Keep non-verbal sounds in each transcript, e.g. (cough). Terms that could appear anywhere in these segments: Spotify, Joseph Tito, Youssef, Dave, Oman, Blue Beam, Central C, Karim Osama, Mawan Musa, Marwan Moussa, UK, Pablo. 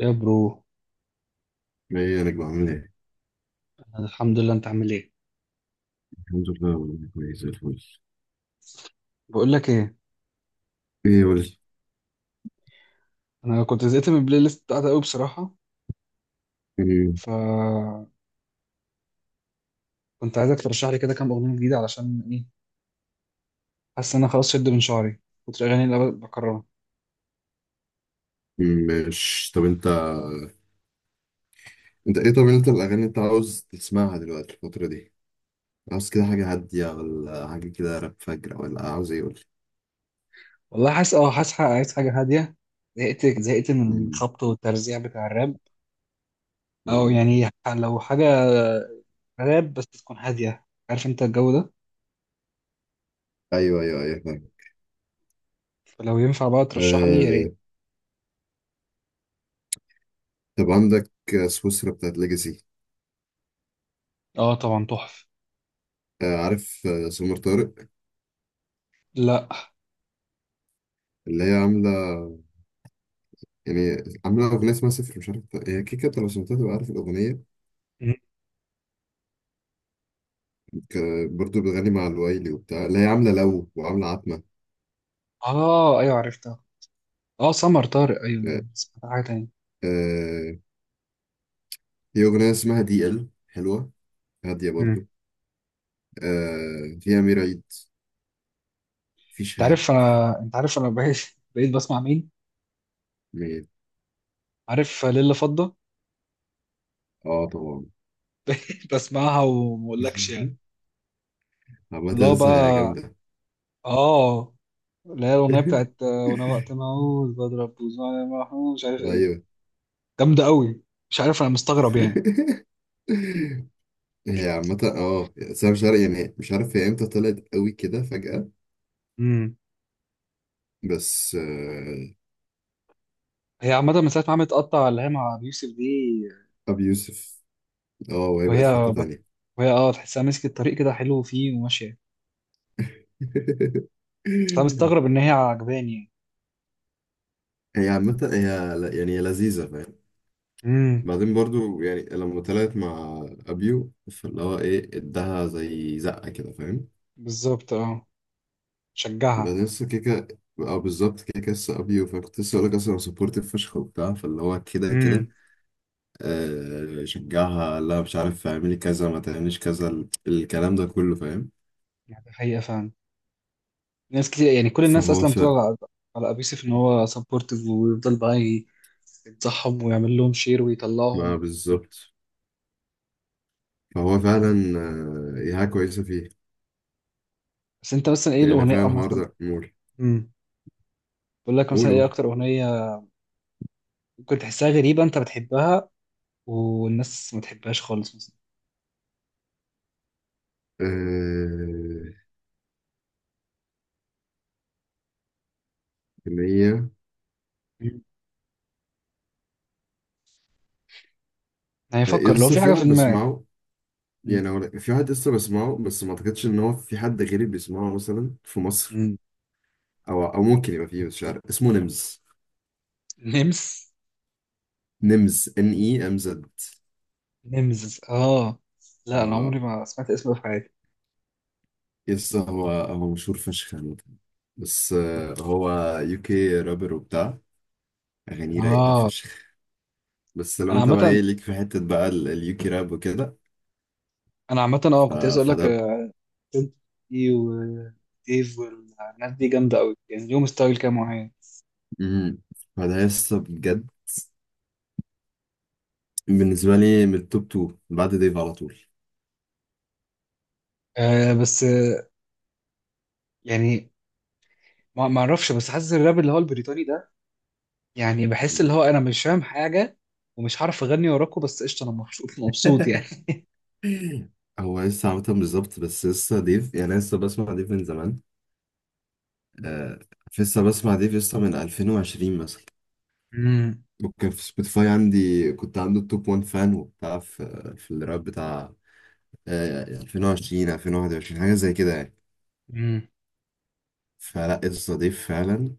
يا برو، ايه انا بعمل ايه أنا الحمد لله. انت عامل ايه؟ الحمد لله والله كويس زي الفل بقول لك ايه، ايه قول انا كنت زهقت من البلاي ليست بتاعتي قوي بصراحه. لي ف كنت عايزك ترشح لي كده كام اغنيه جديده، علشان ايه، حاسس ان انا خلاص شد من شعري كنت الاغاني اللي بكررها. مش، طب انت. انت ايه؟ طب انت الاغاني اللي انت عاوز تسمعها دلوقتي الفتره دي، عاوز كده حاجه هاديه ولا حاجه كده راب فجر ولا عاوز ايه؟ قول لي. والله حاسس، اه حاسس، عايز حاجه هاديه. زهقت من م- الخبط والترزيع بتاع الراب. او م. يعني لو حاجه راب بس تكون هاديه، عارف انت الجو ده. ايوه، ايوه، ايوه، فاهم. فلو ينفع بقى ترشح لي يا ريت. آه... طب عندك سويسرا بتاعت ليجاسي. اه طبعا تحفه. عارف، سمر طارق، لا. اللي هي عامله، يعني عامله اغنيه اسمها صفر، مش عارف هي كيكه، انت لو سمعتها تبقى عارف الاغنيه. م- برضو بتغني مع الوايلي وبتاع اللي هي عاملة لو وعاملة عتمة. اه ايوه عرفتها، اه سمر طارق ايوه. آه، سمعت حاجه تانية. آه، هي أغنية اسمها دي ال حلوة، هادية مم. برضو. فيها أمير عيد، في انت شهاب. عارف انا، انت عارف انا بقيت بسمع مين؟ مين؟ عارف ليلة فضة؟ اه طبعا. (laughs) بقيت بسمعها وما اقولكش يعني. (laughs) عامة اللي هو لسه بقى، جامدة. اه اللي هي الاغنيه بتاعت وانا وقت (laughs) ما اقول بضرب بوزان محمود مش عارف ايه. أيوه. جامده قوي، مش عارف انا مستغرب يعني. (laughs) هي عامة اه سام شرقي، يعني مش عارف هي امتى طلعت قوي كده فجأة. امم بس هي عامه من ساعه ما عملت قطع اللي هي مع أبي يوسف دي. أبي يوسف. اه وهي بقت وهي في حتة تانية. وهي اه تحسها مسكت الطريق كده حلو فيه وماشيه. بس انا مستغرب (laughs) ان هي عجباني يعني. هي عامة هي يعني هي لذيذة، فاهم. امم بعدين برضو يعني لما طلعت مع أبيو فاللي هو إيه، إداها زي زقة كده، فاهم. بالظبط اه، شجعها. بعدين لسه كيكة، أو بالظبط كيكة لسه أبيو، فكنت لسه أقولك أصلا سبورتيف فشخ وبتاع فاللي هو كده كده، امم شجعها، لا مش عارف اعملي كذا ما تعمليش كذا، الكلام ده كله، فاهم. يعني حقيقه فعلا، ناس كتير، يعني كل الناس فهو اصلا ف بتبقى على، على ابيوسف ان هو سبورتيف ويفضل بقى ينصحهم ويعمل لهم شير ما ويطلعهم. بالظبط. فهو فعلا هي حاجة كويسة فيه. بس انت مثلا ايه يعني الاغنيه، فعلا أو الحوار مثلا، ده نقول. امم بقول لك قول مثلا ايه قول. اكتر اغنيه ممكن تحسها غريبه، انت بتحبها والناس ما تحبهاش خالص مثلا؟ آه، إن هي مم. هيفكر لو لسه في في حاجه واحد في دماغك. بسمعه، مم. يعني هو في واحد لسه بسمعه، بس ما اعتقدش ان هو في حد غيري بيسمعه مثلا في مصر. مم. او او ممكن يبقى فيه، مش عارف اسمه نمز. نمس. نمز، ان اي ام زد. نمس اه، لا انا عمري اه ما سمعت اسمه في حياتي. لسه هو هو مشهور فشخ عامة. بس هو يو كي رابر وبتاع، اغانيه رايقه اه، فشخ. بس لو انا انت بقى عامه، ايه ليك في حته بقى اليو كي راب وكده. انا عامه اه كنت عايز اقول لك فده. فيلتي وايف والناس دي جامده قوي، يعني ليهم ستايل كده معين. مم. فده لسه بجد بالنسبه لي من التوب 2 بعد ديف على طول. آه بس آه، يعني ما اعرفش، بس حاسس الراب اللي هو البريطاني ده، يعني بحس اللي مم. هو انا مش فاهم حاجه، ومش هعرف اغني وراكوا، بس قشطه انا مبسوط (laughs) يعني. (laughs) (clears throat) هو لسه عامة بالظبط بس لسه ديف، يعني أنا لسه بسمع ديف من زمان. آه لسه بسمع ديف لسه من 2020 مثلا. امم وكان في سبوتيفاي عندي، كنت عنده التوب 1 فان وبتاع في الراب بتاع، آه 2020، 2021، حاجة زي كده يعني. امم فلا لسه ضيف فعلا،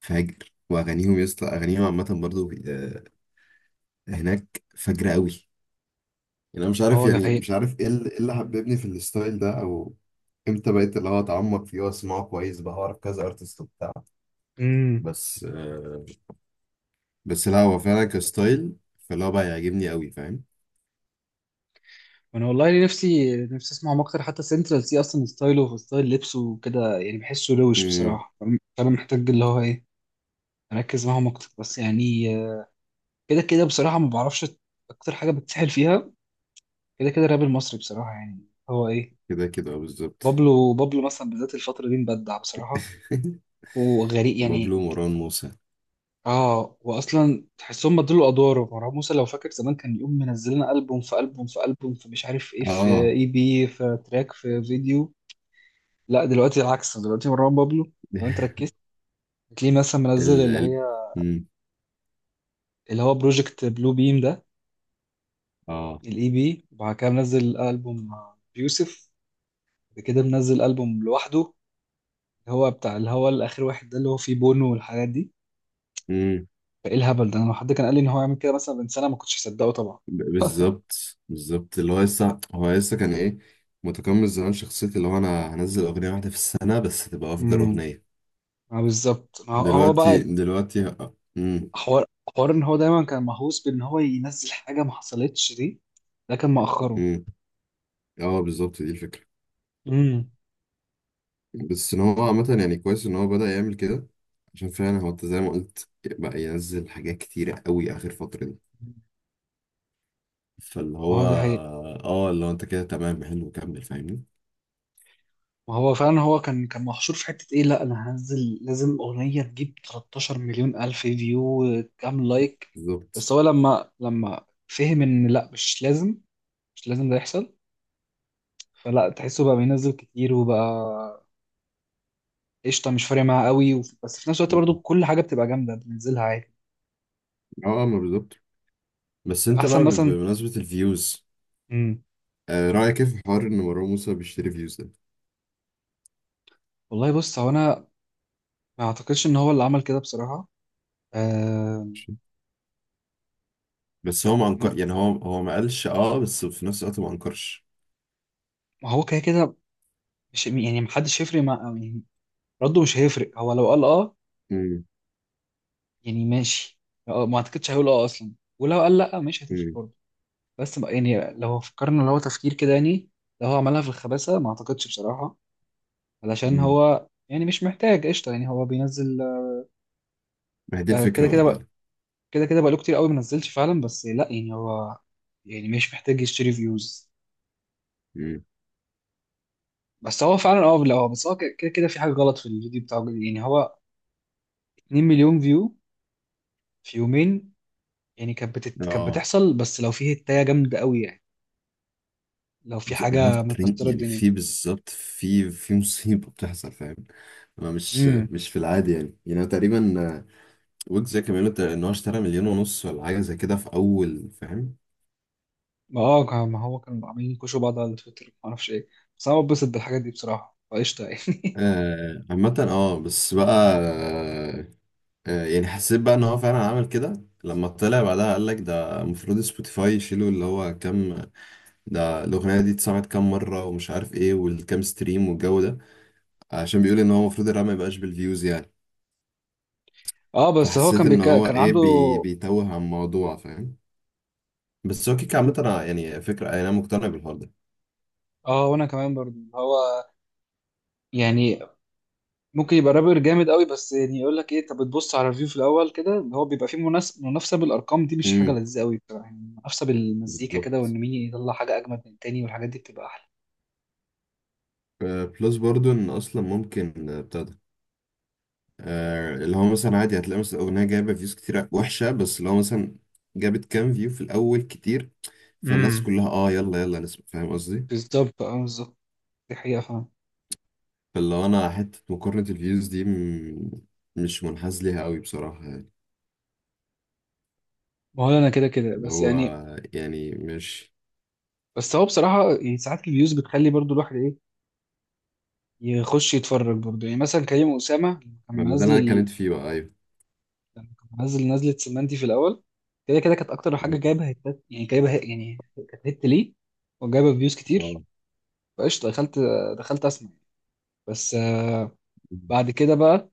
فاجر. وأغانيهم يسطا، أغانيهم عامة برضو آه، هناك فاجرة أوي. يعني انا مش عارف، هو ده يعني حقيقي. مش عارف ايه اللي إيه اللي حببني في الستايل ده، او امتى بقيت اللي هو اتعمق فيه واسمعه كويس بقى واعرف كذا ارتست وبتاع. امم بس آه، بس لا هو فعلا كستايل فاللي هو بقى يعجبني قوي، فاهم. انا والله نفسي اسمعهم اكتر، حتى سنترال سي اصلا ستايله وستايل لبسه وكده يعني بحسه روش امم، بصراحه. فانا محتاج اللي هو ايه، اركز معاهم اكتر بس يعني. كده كده بصراحة ما بعرفش أكتر حاجة بتسحل فيها، كده كده الراب المصري بصراحة يعني هو إيه. كده كده بالظبط. بابلو، بابلو مثلا بالذات الفترة دي مبدع بصراحة (laughs) وغريب بابلو، يعني. مروان موسى. آه، وأصلا تحسهم بدلوا أدواره، مروان موسى لو فاكر زمان كان يقوم منزل لنا ألبوم في ألبوم في ألبوم، في مش عارف إيه، في اه. إي بي، في تراك، في فيديو. لا دلوقتي العكس، دلوقتي مروان بابلو، لو أنت (laughs) ركزت هتلاقيه مثلا منزل ال اللي ال هي، مم. اللي هو بروجكت بلو بيم ده، اه. الإي بي، وبعد كده منزل ألبوم مع يوسف، بعد كده منزل ألبوم لوحده، هو بتاع اللي هو الاخر واحد ده اللي هو فيه بونو والحاجات دي. مم. فايه الهبل ده؟ انا لو حد كان قال لي ان هو يعمل كده مثلا من سنه ما كنتش هصدقه طبعا. بالظبط، بالظبط اللي هو لسه هو لسه كان ايه متقمص زمان شخصية اللي هو انا هنزل اغنية واحدة في السنة بس تبقى افجر امم اغنية. ما بالظبط، ما هو هو دلوقتي بقى دلوقتي امم. حوار، حوار ان هو دايما كان مهووس بان هو ينزل حاجه ما حصلتش دي، ده كان مأخره. امم اه بالظبط دي الفكره. امم بس ان هو عامه يعني كويس ان هو بدأ يعمل كده، عشان فعلا هو انت زي ما قلت بقى ينزل حاجات كتيره قوي اخر فتره دي. فاللي ما هو هو ده حقيقي، اه، اللي هو انت كده تمام، حلو كمل فاهمني. ما هو فعلا هو كان محشور في حته ايه، لا انا هنزل لازم اغنيه تجيب 13 مليون الف فيو، كام لايك. بس بالظبط هو لما فهم ان لا مش لازم، مش لازم ده يحصل، فلا تحسه بقى بينزل كتير وبقى قشطه مش فارق معاه قوي، بس في نفس الوقت برضو كل حاجه بتبقى جامده بننزلها عادي. اه ما بالظبط. بس انت احسن بقى مثلا. بمناسبه الفيوز، امم آه رأيك ايه في حوار ان مروان موسى بيشتري فيوز ده؟ والله بص، هو انا ما اعتقدش ان هو اللي عمل كده بصراحه، آه. ماشي. بس هو ما م- انكر، يعني هو هو ما قالش اه، بس في نفس الوقت ما انكرش. ما هو كده كده مش يعني، محدش هيفرق مع يعني، رده مش هيفرق هو لو قال اه امم، يعني ماشي، آه، ما اعتقدش هيقول اه اصلا، ولو قال لا مش هتفرق امم، برضه. بس ما- يعني لو فكرنا لو هو تفكير كده يعني، لو هو عملها في الخباثه ما اعتقدش بصراحه، علشان امم، هو يعني مش محتاج قشطه يعني هو بينزل. ما هي دي آه، كده الفكره كده بقى بقى، فعلا. كده كده بقاله كتير قوي ما نزلش فعلا، بس لا يعني هو يعني مش محتاج يشتري فيوز. مم. بس هو فعلا اه، لا هو بس هو كده كده في حاجه غلط في الفيديو بتاعه، يعني هو 2 مليون فيو في يومين. يعني كانت اه بتحصل، بس لو في هتايه جامده قوي يعني، لو في بس اللي هو في حاجه ترند مكسره يعني، الدنيا. في بالظبط، في مصيبة بتحصل، فاهم. انا مش امم مش في العادي يعني، يعني أنا تقريبا ويجز زي كمان قلت ان هو اشترى مليون ونص ولا حاجة زي كده في اول، فاهم. ما اه ما هو كانوا عاملين يكوشوا بعض على تويتر ما اعرفش ايه، بس انا بتبسط بالحاجات دي بصراحه فقشطه يعني. آه عامة اه بس بقى آه، يعني حسيت بقى ان هو فعلا عمل كده لما طلع بعدها قال لك، ده المفروض سبوتيفاي يشيلوا اللي هو كام، ده الاغنية دي اتسمعت كام مرة ومش عارف ايه والكام ستريم والجو ده، عشان بيقول ان هو المفروض الراب ما يبقاش بالفيوز يعني. (laughs) اه بس هو فحسيت ان هو كان ايه عنده، بي بيتوه عن الموضوع، فاهم. بس هو كيك عامة يعني فكرة انا مقتنع بالحوار ده. اه وانا كمان برضه هو يعني ممكن يبقى رابر جامد قوي، بس يعني يقول لك ايه، طب تبص على الريفيو في الاول كده اللي هو بيبقى فيه منافسه بالارقام دي مش حاجه امم، لذيذه قوي بصراحه، يعني منافسه بالمزيكا كده بالظبط وان مين يطلع حاجه اجمد من التاني والحاجات دي بتبقى احلى. بلس برضو ان اصلا ممكن بتاع ده اللي هو مثلا عادي هتلاقي مثلا اغنية جايبة فيوز كتير وحشة، بس اللي هو مثلا جابت كام فيو في الاول كتير، فالناس امم كلها اه يلا يلا نسمع، فاهم قصدي. بالظبط اه، بالظبط دي حقيقه فاهم. فاللي هو انا حتة مقارنة الفيوز دي مش منحاز ليها قوي بصراحة يعني، ما هو انا كده كده اللي بس هو يعني، يعني مش. بس هو بصراحه يعني ساعات الفيوز بتخلي برضو الواحد ايه، يخش يتفرج برضو. يعني مثلا كريم اسامه، لما كان ما ده منزل اللي انا اتكلمت فيه بقى، ايوه. لما كان منزل نزله سمنتي في الاول، كده كده كانت اكتر حاجه جايبه هيتات، يعني يعني كانت هيت ليه وجايبه فيوز كتير. مم. فقشطة دخلت، دخلت اسمع. بس آه، مم. بعد كده بقى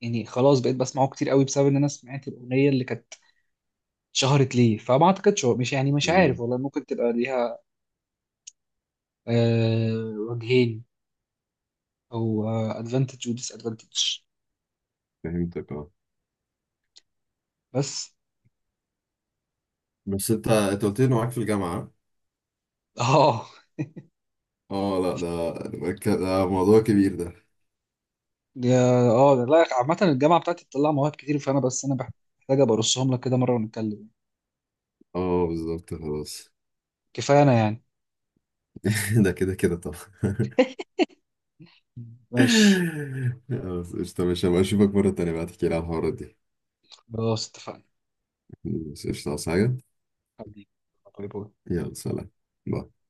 يعني خلاص بقيت بسمعه كتير قوي بسبب ان انا سمعت الاغنيه اللي كانت شهرت ليه. فما اعتقدش هو مش يعني مش عارف والله، ممكن تبقى ليها آه وجهين، او ادفانتج وديس ادفانتج. فهمتك اه. بس. بس انت، انت قلت لي انه معاك في الجامعة. اه اه لا ده، ده ده موضوع كبير ده. (laughs) اه ده لا عامة الجامعة بتاعتي بتطلع مواهب كتير، فانا بس محتاج ابقى ارصهم لك كده مرة ونتكلم. اه بالظبط، خلاص. كفاية انا يعني. (laughs) ده كده كده طبعا. (laughs) ماشي، خلاص قشطة ماشي، هبقى اشوفك مرة تانية بقى تحكي لي على الحوارات دي. خلاص اتفقنا. بس قشطة عاوز حاجة. حبيبي، باي باي. يلا سلام. باي.